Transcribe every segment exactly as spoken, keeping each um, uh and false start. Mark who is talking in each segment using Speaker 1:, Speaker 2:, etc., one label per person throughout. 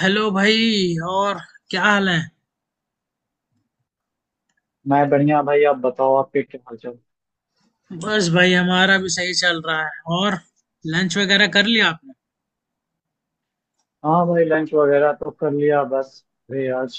Speaker 1: Hello भाई। और क्या हाल है।
Speaker 2: मैं बढ़िया भाई। आप बताओ, आपके क्या हाल चाल?
Speaker 1: बस भाई हमारा भी सही चल रहा है। और लंच वगैरह कर लिया आपने।
Speaker 2: हाँ भाई, लंच वगैरह तो कर लिया। बस अरे आज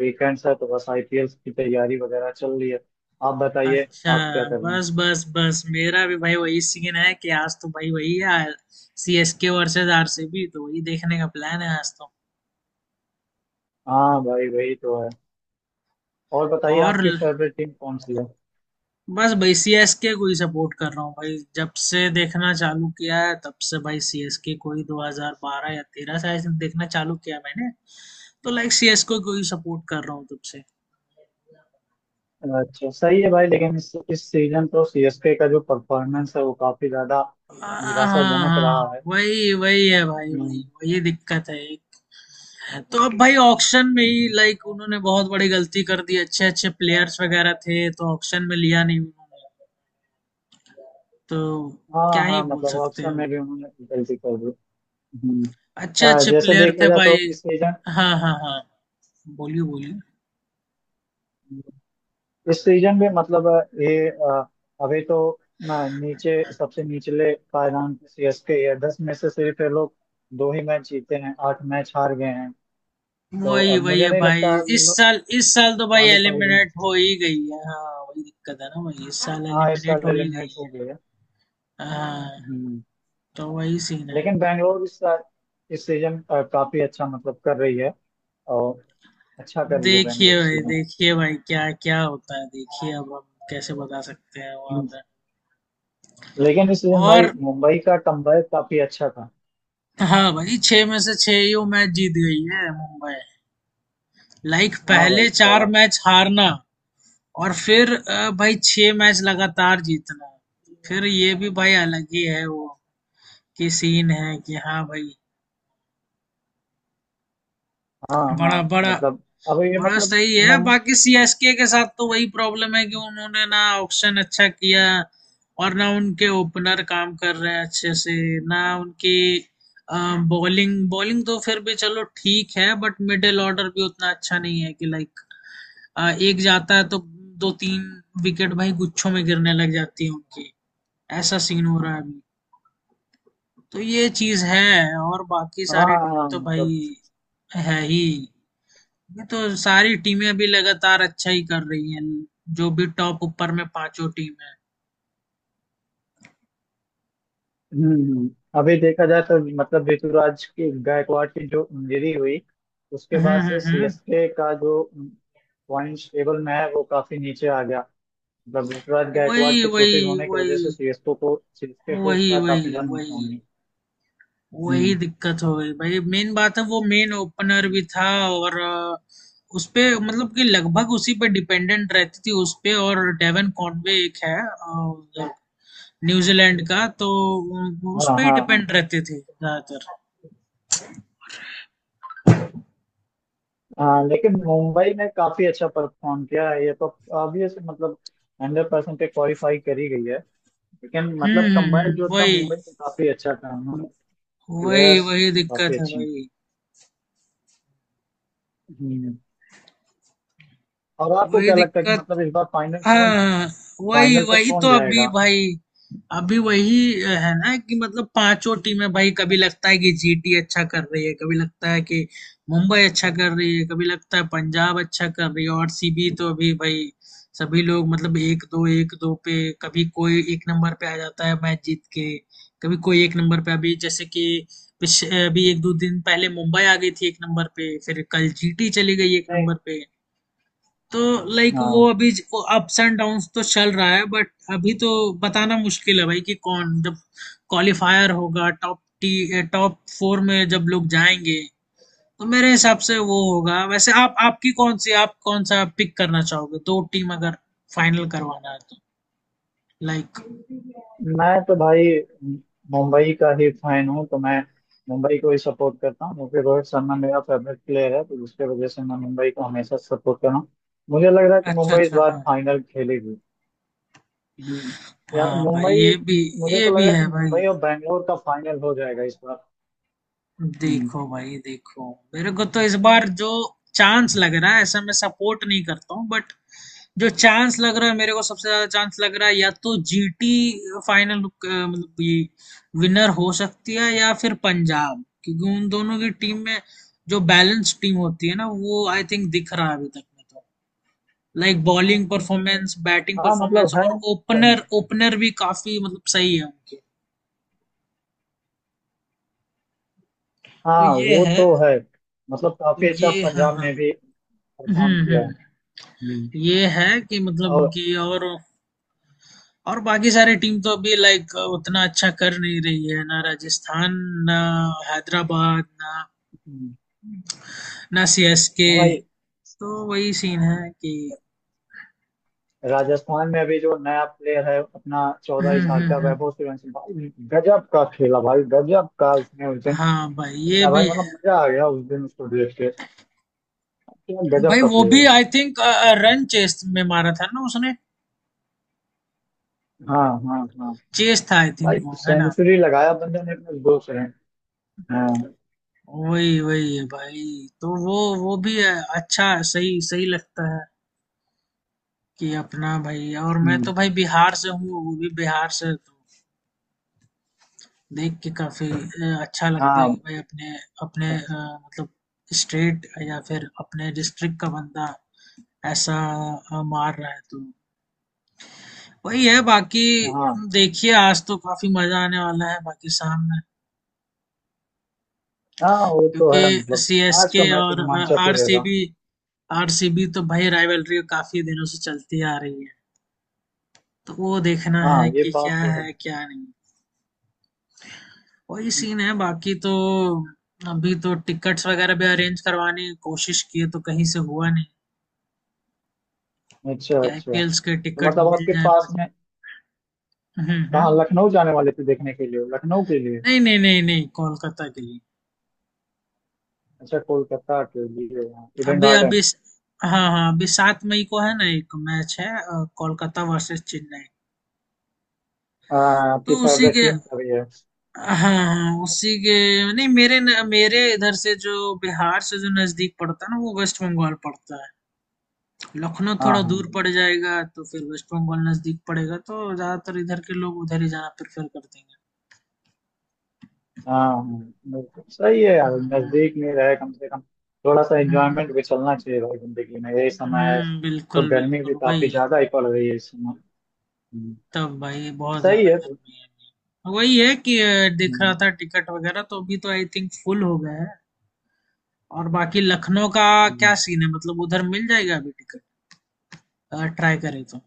Speaker 2: वीकेंड्स है तो बस आईपीएल की तैयारी वगैरह चल रही है। आप बताइए,
Speaker 1: अच्छा।
Speaker 2: आप क्या कर रहे हैं?
Speaker 1: बस बस बस मेरा भी भाई वही सीन है कि आज तो भाई वही है। C S K versus R C B तो वही देखने का प्लान है आज तो।
Speaker 2: हाँ भाई वही तो है। और बताइए,
Speaker 1: और
Speaker 2: आपकी
Speaker 1: ल-
Speaker 2: फेवरेट टीम कौन सी है?
Speaker 1: बस भाई सी एस के को ही सपोर्ट कर रहा हूँ भाई, जब से देखना चालू किया है तब से भाई सी एस के को ही दो हज़ार बारह या तेरह से I think देखना चालू किया मैंने। तो लाइक सी एस के को ही सपोर्ट कर रहा हूँ तब से।
Speaker 2: अच्छा सही है भाई। लेकिन इस इस सीजन तो सीएसके का जो परफॉर्मेंस है वो काफी ज्यादा
Speaker 1: हाँ हाँ,
Speaker 2: निराशाजनक रहा
Speaker 1: हाँ,
Speaker 2: है।
Speaker 1: वही वही है भाई वही।
Speaker 2: हम्म।
Speaker 1: वही दिक्कत है एक, तो अब भाई ऑक्शन में ही
Speaker 2: हम्म।
Speaker 1: लाइक उन्होंने बहुत बड़ी गलती कर दी, अच्छे अच्छे प्लेयर्स वगैरह थे तो ऑक्शन में लिया नहीं उन्होंने। तो क्या
Speaker 2: हाँ
Speaker 1: ही
Speaker 2: हाँ,
Speaker 1: बोल
Speaker 2: मतलब
Speaker 1: सकते हैं
Speaker 2: ऑप्शन
Speaker 1: अब।
Speaker 2: में भी उन्होंने गलती कर दी। हम्म।
Speaker 1: अच्छे
Speaker 2: अ,
Speaker 1: अच्छे
Speaker 2: जैसे
Speaker 1: प्लेयर
Speaker 2: देखा
Speaker 1: थे
Speaker 2: जाए
Speaker 1: भाई।
Speaker 2: तो इस सीजन,
Speaker 1: हाँ हाँ हाँ, बोलिए बोलिए।
Speaker 2: इस सीजन में मतलब ये अ, अभी तो ना, नीचे सबसे निचले पायदान सीएसके है। दस में से सिर्फ ये लोग दो ही मैच जीते हैं, आठ मैच हार गए हैं। तो
Speaker 1: वही
Speaker 2: अब
Speaker 1: वही
Speaker 2: मुझे
Speaker 1: है
Speaker 2: नहीं
Speaker 1: भाई,
Speaker 2: लगता ये
Speaker 1: इस
Speaker 2: लोग
Speaker 1: साल इस साल तो भाई
Speaker 2: क्वालिफाई हुए।
Speaker 1: एलिमिनेट हो ही गई है। हाँ वही दिक्कत है ना भाई, इस साल
Speaker 2: हाँ, इस
Speaker 1: एलिमिनेट
Speaker 2: साल
Speaker 1: हो ही गई
Speaker 2: एलिमिनेट हो
Speaker 1: है।
Speaker 2: गए हैं।
Speaker 1: हाँ,
Speaker 2: हम्म।
Speaker 1: तो वही सीन है।
Speaker 2: लेकिन बैंगलोर इस साल, इस सीजन अ, काफी अच्छा मतलब कर रही है। और अच्छा कर रही है
Speaker 1: देखिए
Speaker 2: बैंगलोर इस
Speaker 1: भाई
Speaker 2: सीजन।
Speaker 1: देखिए भाई क्या क्या होता है, देखिए अब हम कैसे बता सकते हैं वहां
Speaker 2: हम्म।
Speaker 1: पे।
Speaker 2: लेकिन इस सीजन भाई
Speaker 1: और
Speaker 2: मुंबई का कमबैक काफी अच्छा था।
Speaker 1: हाँ भाई छह में से छह ही वो मैच जीत गई है मुंबई। लाइक
Speaker 2: हाँ
Speaker 1: पहले
Speaker 2: भाई
Speaker 1: चार
Speaker 2: अ,
Speaker 1: मैच हारना और फिर अ, भाई छह मैच लगातार जीतना, फिर ये भी भाई अलग ही है वो, कि सीन है कि हाँ भाई
Speaker 2: हाँ
Speaker 1: बड़ा
Speaker 2: हाँ,
Speaker 1: बड़ा
Speaker 2: मतलब अब ये
Speaker 1: बड़ा
Speaker 2: मतलब,
Speaker 1: सही है। बाकी सीएसके के साथ तो वही प्रॉब्लम है कि उन्होंने ना ऑक्शन अच्छा किया और ना उनके ओपनर काम कर रहे हैं अच्छे से, ना उनकी बॉलिंग। बॉलिंग तो फिर भी चलो ठीक है, बट मिडिल ऑर्डर भी उतना अच्छा नहीं है कि लाइक एक जाता है तो दो तीन विकेट भाई गुच्छों में गिरने लग जाती है उनकी। ऐसा सीन हो रहा है अभी। तो ये चीज है, और बाकी सारी टीम
Speaker 2: हाँ
Speaker 1: तो भाई
Speaker 2: मतलब।
Speaker 1: है ही। ये तो सारी टीमें अभी लगातार अच्छा ही कर रही हैं। जो भी टॉप ऊपर में पांचों टीम है।
Speaker 2: हम्म। अभी देखा जाए तो मतलब ऋतुराज की, गायकवाड़ की जो इंजरी हुई उसके
Speaker 1: हुँ,
Speaker 2: बाद
Speaker 1: हुँ,
Speaker 2: से
Speaker 1: हुँ।
Speaker 2: सीएसके का जो पॉइंट्स टेबल में है वो काफी नीचे आ गया। मतलब ऋतुराज गायकवाड़
Speaker 1: वही,
Speaker 2: के
Speaker 1: वही,
Speaker 2: चोटिल होने की वजह से
Speaker 1: वही,
Speaker 2: सीएसके को सीएसके को
Speaker 1: वही,
Speaker 2: उसका काफी
Speaker 1: वही,
Speaker 2: ज्यादा
Speaker 1: वही।
Speaker 2: नुकसान हुआ।
Speaker 1: वही
Speaker 2: हम्म।
Speaker 1: दिक्कत हो गई भाई। मेन बात है, वो मेन ओपनर
Speaker 2: हम्म।
Speaker 1: भी था और अ, उसपे मतलब कि लगभग उसी पे डिपेंडेंट रहती थी उसपे। और डेवन कॉनवे एक है अ, न्यूजीलैंड का, तो
Speaker 2: हाँ
Speaker 1: उस पे ही
Speaker 2: हाँ हाँ।
Speaker 1: डिपेंड रहते थे ज्यादातर।
Speaker 2: हाँ, लेकिन मुंबई ने काफी अच्छा परफॉर्म किया है, ये तो ऑब्वियस। मतलब हंड्रेड परसेंट क्वालिफाई करी गई है। लेकिन
Speaker 1: हुँ,
Speaker 2: मतलब
Speaker 1: हुँ,
Speaker 2: कंबाइन जो
Speaker 1: हुँ।
Speaker 2: था,
Speaker 1: वही,
Speaker 2: मुंबई ने काफी अच्छा था।
Speaker 1: वही,
Speaker 2: प्लेयर्स
Speaker 1: वही दिक्कत
Speaker 2: काफी
Speaker 1: है
Speaker 2: अच्छे हैं।
Speaker 1: भाई।
Speaker 2: हम्म। और आपको
Speaker 1: वही
Speaker 2: क्या लगता है कि
Speaker 1: दिक्कत।
Speaker 2: मतलब इस बार फाइनल कौन,
Speaker 1: हाँ, वही
Speaker 2: फाइनल तक
Speaker 1: वही तो
Speaker 2: कौन
Speaker 1: अभी
Speaker 2: जाएगा?
Speaker 1: भाई, अभी वही है ना कि मतलब पांचों टीमें भाई, कभी लगता है कि जीटी अच्छा कर रही है, कभी लगता है कि मुंबई अच्छा कर रही है, कभी लगता है पंजाब अच्छा कर रही है, और सीबी तो अभी भाई सभी लोग मतलब एक दो एक दो पे, कभी कोई एक नंबर पे आ जाता है मैच जीत के, कभी कोई एक नंबर पे। अभी जैसे कि पिछ- अभी एक दो दिन पहले मुंबई आ गई थी एक नंबर पे, फिर कल जीटी चली गई एक
Speaker 2: मैं,
Speaker 1: नंबर पे। तो लाइक वो
Speaker 2: हाँ
Speaker 1: अभी ज वो अप्स एंड डाउन्स तो चल रहा है, बट अभी तो बताना मुश्किल है भाई कि कौन, जब क्वालिफायर होगा टॉप टी टॉप फोर में जब लोग जाएंगे तो मेरे हिसाब से वो होगा। वैसे आप आपकी कौन सी, आप कौन सा पिक करना चाहोगे, दो टीम अगर फाइनल करवाना है तो लाइक।
Speaker 2: मैं तो भाई मुंबई का ही फैन हूँ तो मैं मुंबई को ही सपोर्ट करता हूँ क्योंकि रोहित शर्मा मेरा फेवरेट प्लेयर है तो उसके वजह से मैं मुंबई को हमेशा सपोर्ट कर रहा हूँ। मुझे लग रहा है कि
Speaker 1: अच्छा
Speaker 2: मुंबई इस
Speaker 1: अच्छा,
Speaker 2: बार
Speaker 1: हाँ,
Speaker 2: फाइनल खेलेगी। हम्म। यार
Speaker 1: हाँ भाई
Speaker 2: मुंबई,
Speaker 1: ये भी।
Speaker 2: मुझे
Speaker 1: ये
Speaker 2: तो लग
Speaker 1: भी
Speaker 2: रहा है कि
Speaker 1: है भाई,
Speaker 2: मुंबई और बैंगलोर का फाइनल हो जाएगा इस बार। हम्म।
Speaker 1: देखो भाई देखो, मेरे को तो इस बार जो चांस लग रहा है, ऐसा मैं सपोर्ट नहीं करता हूँ बट जो चांस लग रहा है मेरे को, सबसे ज्यादा चांस लग रहा है या तो जीटी फाइनल मतलब ये विनर हो सकती है या फिर पंजाब, क्योंकि उन दोनों की टीम में जो बैलेंस टीम होती है ना, वो आई थिंक दिख रहा है अभी तक में, तो लाइक बॉलिंग परफॉर्मेंस बैटिंग
Speaker 2: हाँ
Speaker 1: परफॉर्मेंस
Speaker 2: मतलब है।
Speaker 1: और ओपनर, ओपनर भी काफी मतलब सही है उनके। तो
Speaker 2: हाँ
Speaker 1: ये
Speaker 2: वो
Speaker 1: है।
Speaker 2: तो है, मतलब
Speaker 1: तो
Speaker 2: काफी अच्छा
Speaker 1: ये हाँ
Speaker 2: पंजाब
Speaker 1: हाँ।
Speaker 2: में भी परफॉर्म
Speaker 1: हम्म
Speaker 2: किया है।
Speaker 1: हम्म।
Speaker 2: हम्म।
Speaker 1: ये है कि मतलब
Speaker 2: और
Speaker 1: कि, और और बाकी सारी टीम तो अभी लाइक उतना अच्छा कर नहीं रही है, ना राजस्थान ना हैदराबाद ना
Speaker 2: हम्म।
Speaker 1: ना सीएसके।
Speaker 2: और भाई
Speaker 1: तो वही सीन है कि।
Speaker 2: राजस्थान में अभी जो नया प्लेयर है अपना, चौदह
Speaker 1: हम्म
Speaker 2: साल
Speaker 1: हम्म
Speaker 2: का
Speaker 1: हम्म,
Speaker 2: वैभव सूर्यवंशी भाई गजब का खेला भाई, गजब का उसने उस दिन
Speaker 1: हाँ भाई ये
Speaker 2: खेला भाई।
Speaker 1: भी है
Speaker 2: मतलब मजा आ गया उस दिन उसको देख के। क्या गजब
Speaker 1: भाई।
Speaker 2: का
Speaker 1: वो
Speaker 2: प्लेयर
Speaker 1: भी
Speaker 2: है।
Speaker 1: आई थिंक रन चेस में मारा था ना उसने,
Speaker 2: हाँ हाँ हाँ।
Speaker 1: चेस था आई थिंक
Speaker 2: भाई
Speaker 1: वो, है ना।
Speaker 2: सेंचुरी लगाया बंदे ने अपने दो से। हाँ।
Speaker 1: वही वही है भाई। तो वो वो भी है, अच्छा सही सही लगता है कि अपना भाई, और मैं तो
Speaker 2: हम्म।
Speaker 1: भाई बिहार से हूँ, वो भी बिहार से तो देख के काफ़ी अ, अच्छा लगता है
Speaker 2: हाँ
Speaker 1: कि भाई अपने अपने अ, मतलब स्टेट या फिर अपने डिस्ट्रिक्ट का बंदा ऐसा अ, मार रहा है तो वही है बाकी।
Speaker 2: हाँ
Speaker 1: देखिए आज तो काफ़ी मज़ा आने वाला है, बाकी सामने
Speaker 2: हाँ, वो तो है।
Speaker 1: क्योंकि
Speaker 2: मतलब
Speaker 1: सी एस
Speaker 2: आज
Speaker 1: के
Speaker 2: का मैच
Speaker 1: और
Speaker 2: रोमांचक ही
Speaker 1: आर सी
Speaker 2: रहेगा।
Speaker 1: बी। आर सी बी तो भाई राइवलरी काफ़ी दिनों से चलती आ रही है, तो वो देखना
Speaker 2: हाँ
Speaker 1: है
Speaker 2: ये
Speaker 1: कि क्या
Speaker 2: बात तो है।
Speaker 1: है क्या नहीं। वही सीन है बाकी तो। अभी तो टिकट्स वगैरह भी अरेंज करवाने की कोशिश किए तो कहीं से हुआ नहीं
Speaker 2: अच्छा
Speaker 1: कि
Speaker 2: अच्छा,
Speaker 1: आईपीएल्स के
Speaker 2: तो
Speaker 1: टिकट
Speaker 2: मतलब
Speaker 1: मिल
Speaker 2: आपके
Speaker 1: जाए,
Speaker 2: पास
Speaker 1: बट
Speaker 2: में,
Speaker 1: हम्म
Speaker 2: कहाँ
Speaker 1: हम्म,
Speaker 2: लखनऊ जाने वाले थे देखने के लिए? लखनऊ के लिए?
Speaker 1: नहीं नहीं नहीं नहीं, कोलकाता के लिए।
Speaker 2: अच्छा कोलकाता के लिए। इडन
Speaker 1: अभी
Speaker 2: गार्डन।
Speaker 1: अभी हाँ हाँ, अभी सात मई को है ना एक मैच है, अ, कोलकाता वर्सेस चेन्नई।
Speaker 2: हाँ आपकी
Speaker 1: तो उसी
Speaker 2: फेवरेट
Speaker 1: के,
Speaker 2: टीम का भी है।
Speaker 1: हाँ हाँ उसी के। नहीं मेरे न, मेरे इधर से जो बिहार से जो नजदीक पड़ता है ना, वो वेस्ट बंगाल पड़ता। लखनऊ
Speaker 2: हाँ
Speaker 1: थोड़ा
Speaker 2: हाँ
Speaker 1: दूर पड़ जाएगा, तो फिर वेस्ट बंगाल नजदीक पड़ेगा, तो ज्यादातर इधर के लोग उधर ही जाना प्रेफर करते हैं।
Speaker 2: हाँ। हाँ, बिल्कुल सही है यार,
Speaker 1: हम्म,
Speaker 2: नजदीक में रहे कम से कम। थोड़ा सा
Speaker 1: हम्म,
Speaker 2: एंजॉयमेंट भी चलना चाहिए भाई, जिंदगी में यही समय है।
Speaker 1: हम्म,
Speaker 2: तो
Speaker 1: बिल्कुल
Speaker 2: गर्मी भी
Speaker 1: बिल्कुल
Speaker 2: काफी
Speaker 1: वही।
Speaker 2: ज्यादा ही पड़ रही है इस समय। हम्म।
Speaker 1: तब भाई बहुत
Speaker 2: सही
Speaker 1: ज्यादा
Speaker 2: है तो।
Speaker 1: गर्मी है अभी। वही है कि अ, दिख रहा
Speaker 2: हम्म।
Speaker 1: था टिकट वगैरह तो अभी तो आई थिंक फुल हो गया है। और बाकी लखनऊ का क्या
Speaker 2: हम्म।
Speaker 1: सीन है, मतलब उधर मिल जाएगा अभी टिकट अगर ट्राई करें तो।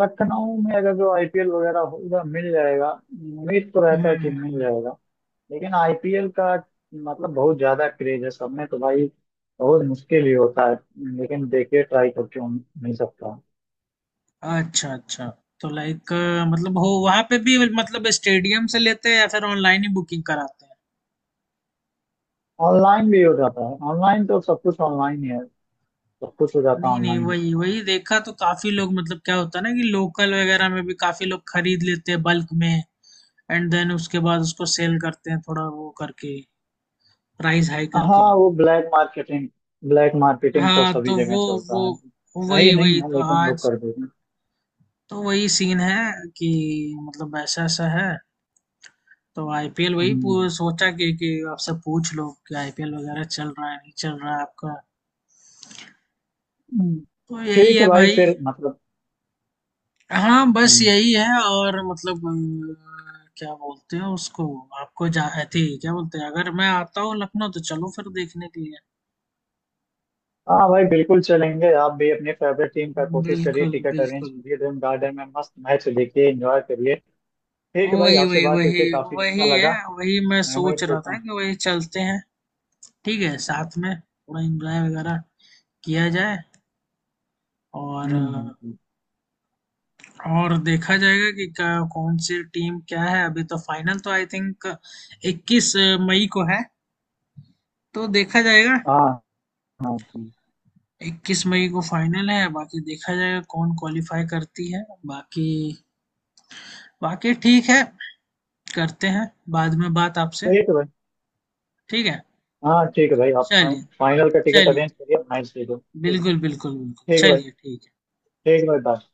Speaker 2: लखनऊ में अगर जो आईपीएल वगैरह होगा, मिल जाएगा, उम्मीद तो रहता है कि मिल
Speaker 1: हम्म।
Speaker 2: जाएगा। लेकिन आईपीएल का मतलब बहुत ज्यादा क्रेज है सब में, तो भाई बहुत मुश्किल ही होता है। लेकिन देखिए, ट्राई कर क्यों नहीं सकता।
Speaker 1: अच्छा अच्छा, तो लाइक मतलब हो वहां पे भी, मतलब स्टेडियम से लेते हैं या फिर ऑनलाइन ही बुकिंग कराते हैं।
Speaker 2: ऑनलाइन भी हो जाता है, ऑनलाइन तो सब कुछ ऑनलाइन ही है। सब कुछ हो जाता है
Speaker 1: नहीं नहीं,
Speaker 2: ऑनलाइन।
Speaker 1: वही वही देखा तो काफी लोग मतलब क्या होता है ना, कि लोकल वगैरह में भी काफी लोग खरीद लेते हैं बल्क में, एंड देन उसके बाद उसको सेल करते हैं थोड़ा वो करके, प्राइस हाई करके।
Speaker 2: हाँ वो ब्लैक मार्केटिंग, ब्लैक मार्केटिंग तो
Speaker 1: हाँ, तो
Speaker 2: सभी जगह
Speaker 1: वो, वो
Speaker 2: चलता है। सही
Speaker 1: वही
Speaker 2: नहीं
Speaker 1: वही
Speaker 2: है
Speaker 1: तो
Speaker 2: लेकिन लोग
Speaker 1: आज,
Speaker 2: कर देते हैं।
Speaker 1: तो वही सीन है कि मतलब ऐसा ऐसा है। तो आईपीएल वही
Speaker 2: हम्म।
Speaker 1: पू- सोचा कि कि आपसे पूछ लो कि आईपीएल वगैरह चल रहा है नहीं चल रहा है आपका।
Speaker 2: हम्म।
Speaker 1: तो यही
Speaker 2: ठीक है
Speaker 1: है
Speaker 2: भाई।
Speaker 1: भाई।
Speaker 2: फिर मतलब,
Speaker 1: हाँ बस
Speaker 2: हम्म,
Speaker 1: यही है। और मतलब अ, क्या बोलते हैं उसको, आपको जा थी क्या बोलते हैं, अगर मैं आता हूँ लखनऊ तो चलो फिर देखने के लिए।
Speaker 2: हाँ भाई बिल्कुल चलेंगे। आप भी अपनी फेवरेट टीम का कोशिश करिए,
Speaker 1: बिल्कुल
Speaker 2: टिकट अरेंज
Speaker 1: बिल्कुल,
Speaker 2: करिए। ड्रीम गार्डन में मस्त मैच देखिए, एंजॉय करिए। ठीक है भाई,
Speaker 1: वही
Speaker 2: आपसे
Speaker 1: वही
Speaker 2: बात
Speaker 1: वही,
Speaker 2: करके काफी अच्छा
Speaker 1: वही है
Speaker 2: लगा।
Speaker 1: वही, मैं
Speaker 2: मैं
Speaker 1: सोच
Speaker 2: उम्मीद
Speaker 1: रहा
Speaker 2: करता
Speaker 1: था
Speaker 2: हूँ।
Speaker 1: कि वही चलते हैं। ठीक है, साथ में थोड़ा एंजॉय वगैरह किया जाए, और
Speaker 2: हम्म। हम्म।
Speaker 1: अ,
Speaker 2: हम्म।
Speaker 1: और देखा जाएगा कि क्या- कौन सी टीम क्या है। अभी तो फाइनल तो आई थिंक इक्कीस मई को है, तो देखा जाएगा।
Speaker 2: हाँ हाँ। हम्म।
Speaker 1: इक्कीस मई को फाइनल है, बाकी देखा जाएगा कौन क्वालिफाई करती है। बाकी बाकी ठीक है, करते हैं बाद में बात आपसे।
Speaker 2: ठीक है भाई।
Speaker 1: ठीक है,
Speaker 2: हाँ ठीक है भाई, आप
Speaker 1: चलिए
Speaker 2: फाइनल का टिकट
Speaker 1: चलिए,
Speaker 2: अरेंज करिए, मैच देखो। ठीक है।
Speaker 1: बिल्कुल बिल्कुल बिल्कुल,
Speaker 2: ठीक है भाई।
Speaker 1: चलिए ठीक है।
Speaker 2: ठीक है भाई bye।